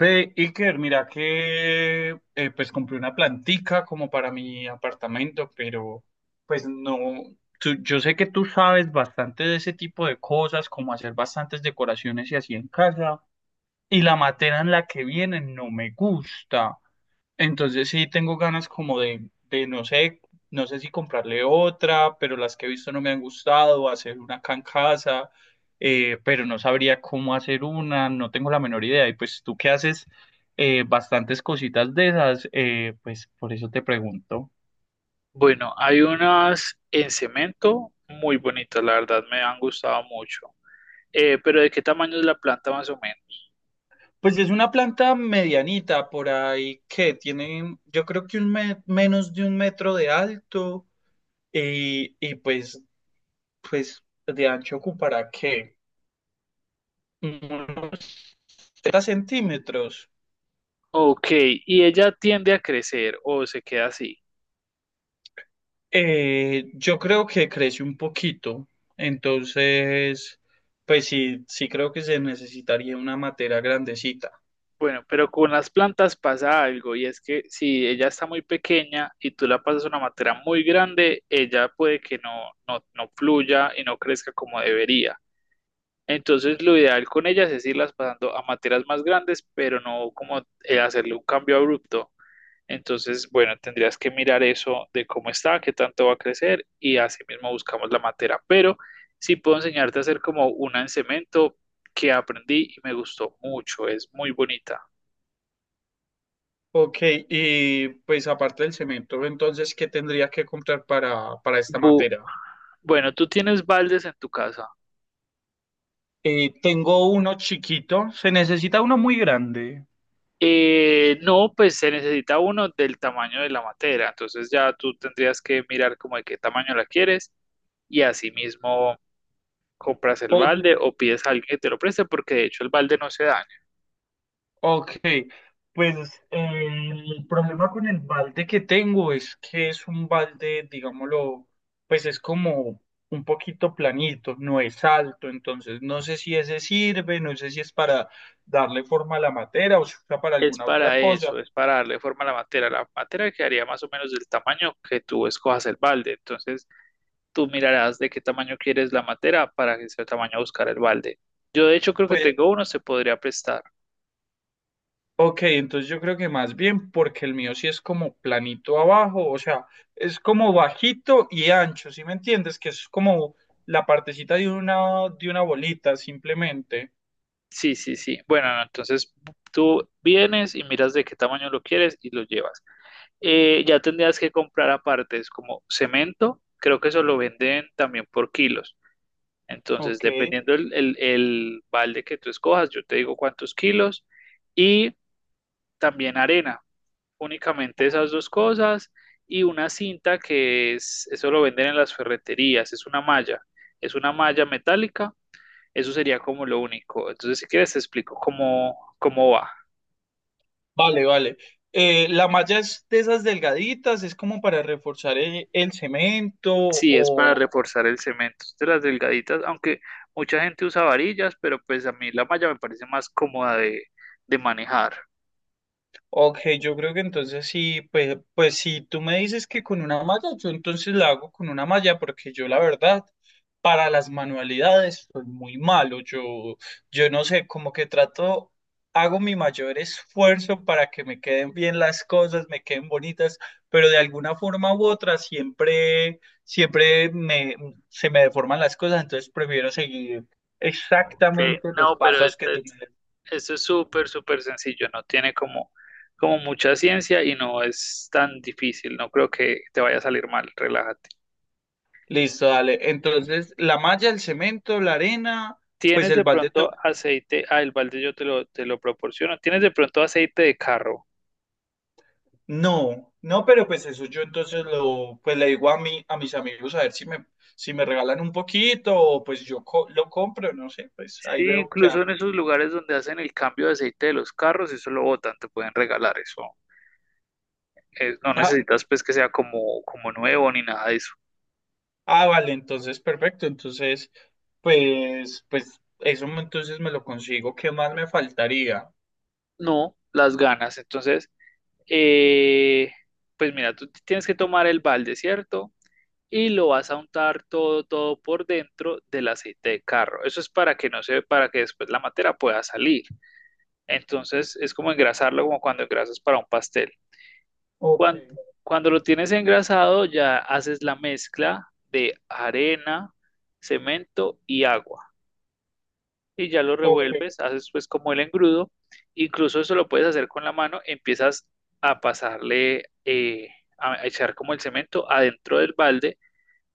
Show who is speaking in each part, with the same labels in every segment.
Speaker 1: Ve, Iker, mira que pues compré una plantica como para mi apartamento, pero pues no, tú- yo sé que tú sabes bastante de ese tipo de cosas, como hacer bastantes decoraciones y así en casa, y la materia en la que vienen no me gusta. Entonces sí tengo ganas como no sé, no sé si comprarle otra, pero las que he visto no me han gustado, hacer una acá en casa, pero no sabría cómo hacer una, no tengo la menor idea. Y pues tú que haces bastantes cositas de esas, pues por eso te pregunto.
Speaker 2: Bueno, hay unas en cemento muy bonitas, la verdad me han gustado mucho. Pero ¿de qué tamaño es la planta más o menos?
Speaker 1: Pues es una planta medianita, por ahí que tiene, yo creo que menos de un metro de alto y pues, pues de ancho ocupará que 30 centímetros.
Speaker 2: Ok, y ella tiende a crecer o se queda así.
Speaker 1: Yo creo que crece un poquito, entonces, pues sí, sí creo que se necesitaría una materia grandecita.
Speaker 2: Bueno, pero con las plantas pasa algo y es que si ella está muy pequeña y tú la pasas a una materia muy grande, ella puede que no, no fluya y no crezca como debería. Entonces lo ideal con ellas es irlas pasando a materias más grandes, pero no como hacerle un cambio abrupto. Entonces, bueno, tendrías que mirar eso de cómo está, qué tanto va a crecer y así mismo buscamos la materia. Pero sí puedo enseñarte a hacer como una en cemento que aprendí y me gustó mucho, es muy bonita.
Speaker 1: Ok, y pues aparte del cemento, entonces, ¿qué tendría que comprar para esta
Speaker 2: Bu-
Speaker 1: materia?
Speaker 2: bueno, tú tienes baldes en tu casa.
Speaker 1: Tengo uno chiquito, se necesita uno muy grande.
Speaker 2: No, pues se necesita uno del tamaño de la materia, entonces ya tú tendrías que mirar como de qué tamaño la quieres y así mismo compras el
Speaker 1: Ok,
Speaker 2: balde o pides a alguien que te lo preste porque de hecho el balde no se daña.
Speaker 1: ok, pues el problema con el balde que tengo es que es un balde, digámoslo, pues es como un poquito planito, no es alto, entonces no sé si ese sirve, no sé si es para darle forma a la materia o si usa para
Speaker 2: Es
Speaker 1: alguna otra
Speaker 2: para
Speaker 1: cosa.
Speaker 2: eso, es para darle forma a la materia. La materia quedaría más o menos del tamaño que tú escojas el balde. Entonces, tú mirarás de qué tamaño quieres la materia para que sea tamaño buscar el balde. Yo, de hecho, creo que
Speaker 1: Pues,
Speaker 2: tengo uno, se podría prestar.
Speaker 1: ok, entonces yo creo que más bien porque el mío sí es como planito abajo, o sea, es como bajito y ancho, ¿sí me entiendes? Que es como la partecita de una bolita simplemente.
Speaker 2: Sí, sí, sí. Bueno, no, entonces tú vienes y miras de qué tamaño lo quieres y lo llevas. Ya tendrías que comprar aparte, es como cemento, creo que eso lo venden también por kilos. Entonces,
Speaker 1: Ok,
Speaker 2: dependiendo el balde que tú escojas, yo te digo cuántos kilos y también arena, únicamente esas dos cosas y una cinta que es, eso lo venden en las ferreterías, es una malla metálica, eso sería como lo único. Entonces, si quieres, te explico cómo, cómo va.
Speaker 1: vale, vale. ¿La malla es de esas delgaditas? ¿Es como para reforzar el cemento
Speaker 2: Sí, es para
Speaker 1: o...
Speaker 2: reforzar el cemento. Es de las delgaditas, aunque mucha gente usa varillas, pero pues a mí la malla me parece más cómoda de manejar.
Speaker 1: Ok, yo creo que entonces sí, pues, pues si tú me dices que con una malla, yo entonces la hago con una malla, porque yo la verdad, para las manualidades soy muy malo. Yo no sé, como que trato, hago mi mayor esfuerzo para que me queden bien las cosas, me queden bonitas, pero de alguna forma u otra se me deforman las cosas, entonces prefiero seguir
Speaker 2: Que
Speaker 1: exactamente los
Speaker 2: no, pero
Speaker 1: pasos que tú me...
Speaker 2: eso es súper, súper sencillo, no tiene como, como mucha ciencia y no es tan difícil, no creo que te vaya a salir mal, relájate.
Speaker 1: Listo, dale. Entonces, la malla, el cemento, la arena, pues
Speaker 2: ¿Tienes
Speaker 1: el
Speaker 2: de
Speaker 1: balde
Speaker 2: pronto
Speaker 1: to-.
Speaker 2: aceite? Ah, el balde yo te lo proporciono. ¿Tienes de pronto aceite de carro?
Speaker 1: No, no, pero pues eso yo entonces lo, pues le digo a mis amigos a ver si me, si me regalan un poquito o pues yo lo compro, no sé, pues ahí
Speaker 2: Sí,
Speaker 1: veo qué
Speaker 2: incluso en
Speaker 1: hago.
Speaker 2: esos lugares donde hacen el cambio de aceite de los carros, eso lo botan, te pueden regalar eso. No
Speaker 1: Ah,
Speaker 2: necesitas pues que sea como, como nuevo ni nada de eso.
Speaker 1: ah, vale, entonces perfecto. Entonces, pues, pues eso me- entonces me lo consigo. ¿Qué más me faltaría?
Speaker 2: No, las ganas. Entonces, Eh, pues mira, tú tienes que tomar el balde, ¿cierto? Y lo vas a untar todo, todo por dentro del aceite de carro. Eso es para que no se, para que después la materia pueda salir. Entonces es como engrasarlo como cuando engrasas para un pastel.
Speaker 1: Ok,
Speaker 2: Cuando, cuando lo tienes engrasado, ya haces la mezcla de arena, cemento y agua y ya lo
Speaker 1: ok,
Speaker 2: revuelves, haces pues como el engrudo, incluso eso lo puedes hacer con la mano, empiezas a pasarle, a echar como el cemento adentro del balde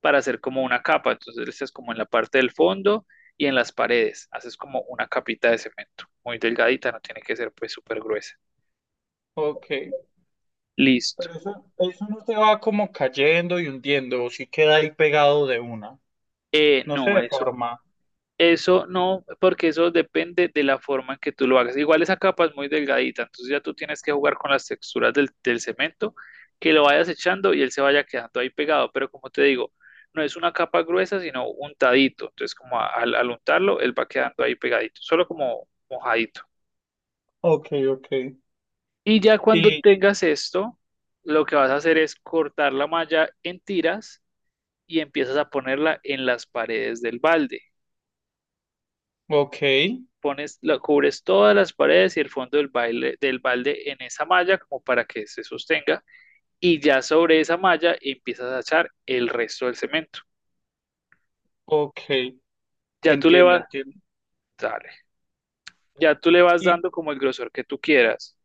Speaker 2: para hacer como una capa, entonces le echas como en la parte del fondo y en las paredes, haces como una capita de cemento, muy delgadita, no tiene que ser pues súper gruesa.
Speaker 1: ok. Y-
Speaker 2: Listo.
Speaker 1: pero eso no se va como cayendo y hundiendo, o sí queda ahí pegado de una. No se
Speaker 2: No, eso,
Speaker 1: deforma.
Speaker 2: Eso no, porque eso depende de la forma en que tú lo hagas. Igual esa capa es muy delgadita, entonces ya tú tienes que jugar con las texturas del cemento, que lo vayas echando y él se vaya quedando ahí pegado. Pero como te digo, no es una capa gruesa, sino untadito. Entonces, como al untarlo, él va quedando ahí pegadito, solo como mojadito.
Speaker 1: Ok, ok.
Speaker 2: Y ya cuando
Speaker 1: Y,
Speaker 2: tengas esto, lo que vas a hacer es cortar la malla en tiras y empiezas a ponerla en las paredes del balde.
Speaker 1: ok,
Speaker 2: Pones, la, cubres todas las paredes y el fondo del, baile, del balde en esa malla como para que se sostenga y ya sobre esa malla empiezas a echar el resto del cemento.
Speaker 1: ok.
Speaker 2: Ya tú le
Speaker 1: Entiendo,
Speaker 2: vas,
Speaker 1: entiendo.
Speaker 2: dale, ya tú le vas
Speaker 1: Y,
Speaker 2: dando como el grosor que tú quieras.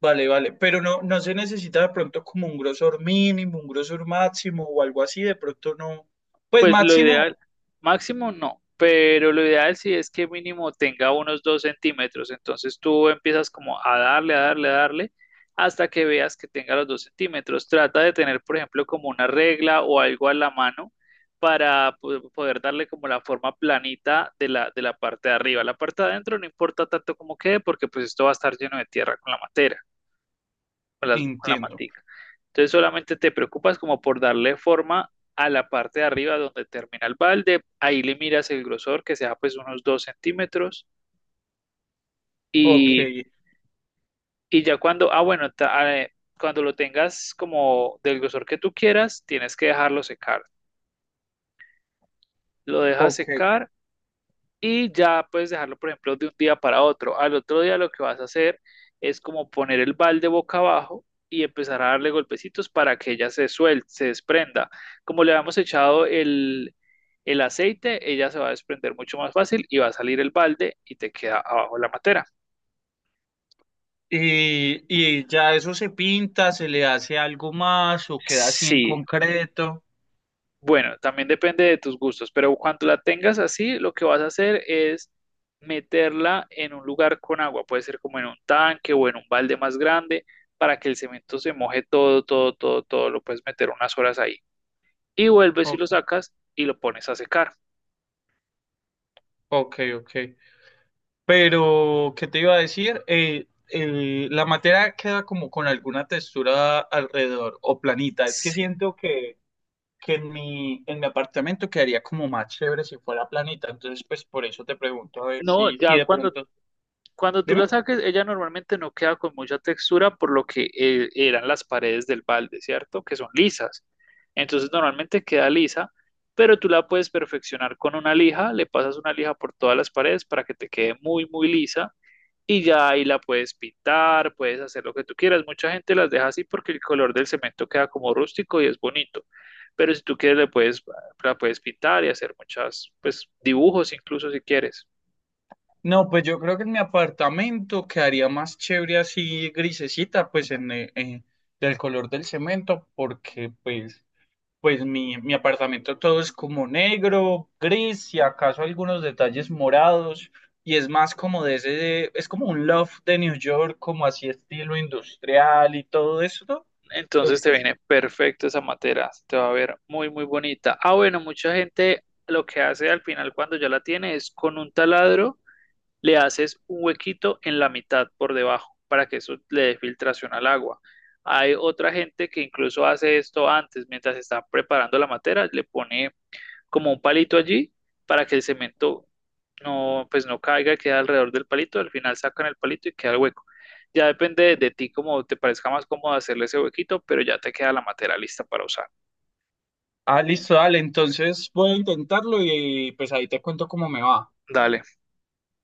Speaker 1: vale, vale. Pero no, no se necesita de pronto como un grosor mínimo, un grosor máximo o algo así. De pronto no. Pues
Speaker 2: Pues lo ideal,
Speaker 1: máximo,
Speaker 2: máximo no, pero lo ideal sí es que mínimo tenga unos 2 cm. Entonces tú empiezas como a darle, a darle, a darle, hasta que veas que tenga los 2 cm. Trata de tener, por ejemplo, como una regla o algo a la mano para poder darle como la forma planita de la parte de arriba. La parte de adentro no importa tanto como quede, porque pues esto va a estar lleno de tierra con la materia con las, con la
Speaker 1: entiendo.
Speaker 2: matica. Entonces solamente te preocupas como por darle forma a la parte de arriba donde termina el balde, ahí le miras el grosor que sea pues unos 2 cm
Speaker 1: Ok,
Speaker 2: y, y ya cuando, cuando lo tengas como del grosor que tú quieras, tienes que dejarlo secar. Lo dejas
Speaker 1: ok.
Speaker 2: secar y ya puedes dejarlo, por ejemplo, de un día para otro. Al otro día lo que vas a hacer es como poner el balde boca abajo y empezar a darle golpecitos para que ella se suelte, se desprenda. Como le habíamos echado el aceite, ella se va a desprender mucho más fácil y va a salir el balde y te queda abajo la matera.
Speaker 1: Y ya eso se pinta, se le hace algo más o queda así en
Speaker 2: Sí,
Speaker 1: concreto.
Speaker 2: bueno, también depende de tus gustos, pero cuando la tengas así, lo que vas a hacer es meterla en un lugar con agua, puede ser como en un tanque o en un balde más grande, para que el cemento se moje todo, todo, todo, todo, lo puedes meter unas horas ahí. Y vuelves y
Speaker 1: Ok,
Speaker 2: lo sacas y lo pones a secar.
Speaker 1: ok, ok. Pero, ¿qué te iba a decir? El- la materia queda como con alguna textura alrededor o planita. Es que
Speaker 2: Sí.
Speaker 1: siento que en mi apartamento quedaría como más chévere si fuera planita. Entonces, pues por eso te pregunto a ver
Speaker 2: No,
Speaker 1: si, si
Speaker 2: ya
Speaker 1: de
Speaker 2: cuando
Speaker 1: pronto.
Speaker 2: cuando tú
Speaker 1: Dime.
Speaker 2: la saques, ella normalmente no queda con mucha textura por lo que eran las paredes del balde, ¿cierto? Que son lisas. Entonces normalmente queda lisa, pero tú la puedes perfeccionar con una lija, le pasas una lija por todas las paredes para que te quede muy, muy lisa y ya ahí la puedes pintar, puedes hacer lo que tú quieras. Mucha gente las deja así porque el color del cemento queda como rústico y es bonito, pero si tú quieres le puedes, la puedes pintar y hacer muchas, pues dibujos incluso si quieres.
Speaker 1: No, pues yo creo que en mi apartamento quedaría más chévere así grisecita, pues en, del color del cemento, porque pues... Pues mi apartamento todo es como negro, gris, y acaso algunos detalles morados, y es más como de ese, es como un loft de New York, como así estilo industrial y todo eso. Eh,
Speaker 2: Entonces te
Speaker 1: pues,
Speaker 2: viene perfecto esa materia, te va a ver muy, muy bonita. Ah, bueno, mucha gente lo que hace al final cuando ya la tiene es con un taladro le haces un huequito en la mitad por debajo para que eso le dé filtración al agua. Hay otra gente que incluso hace esto antes, mientras está preparando la materia, le pone como un palito allí para que el cemento no, pues no caiga, queda alrededor del palito, al final sacan el palito y queda el hueco. Ya depende de, ti como te parezca más cómodo hacerle ese huequito, pero ya te queda la materia lista para usar.
Speaker 1: ah, listo, dale, entonces voy a intentarlo y pues ahí te cuento cómo me va.
Speaker 2: Dale.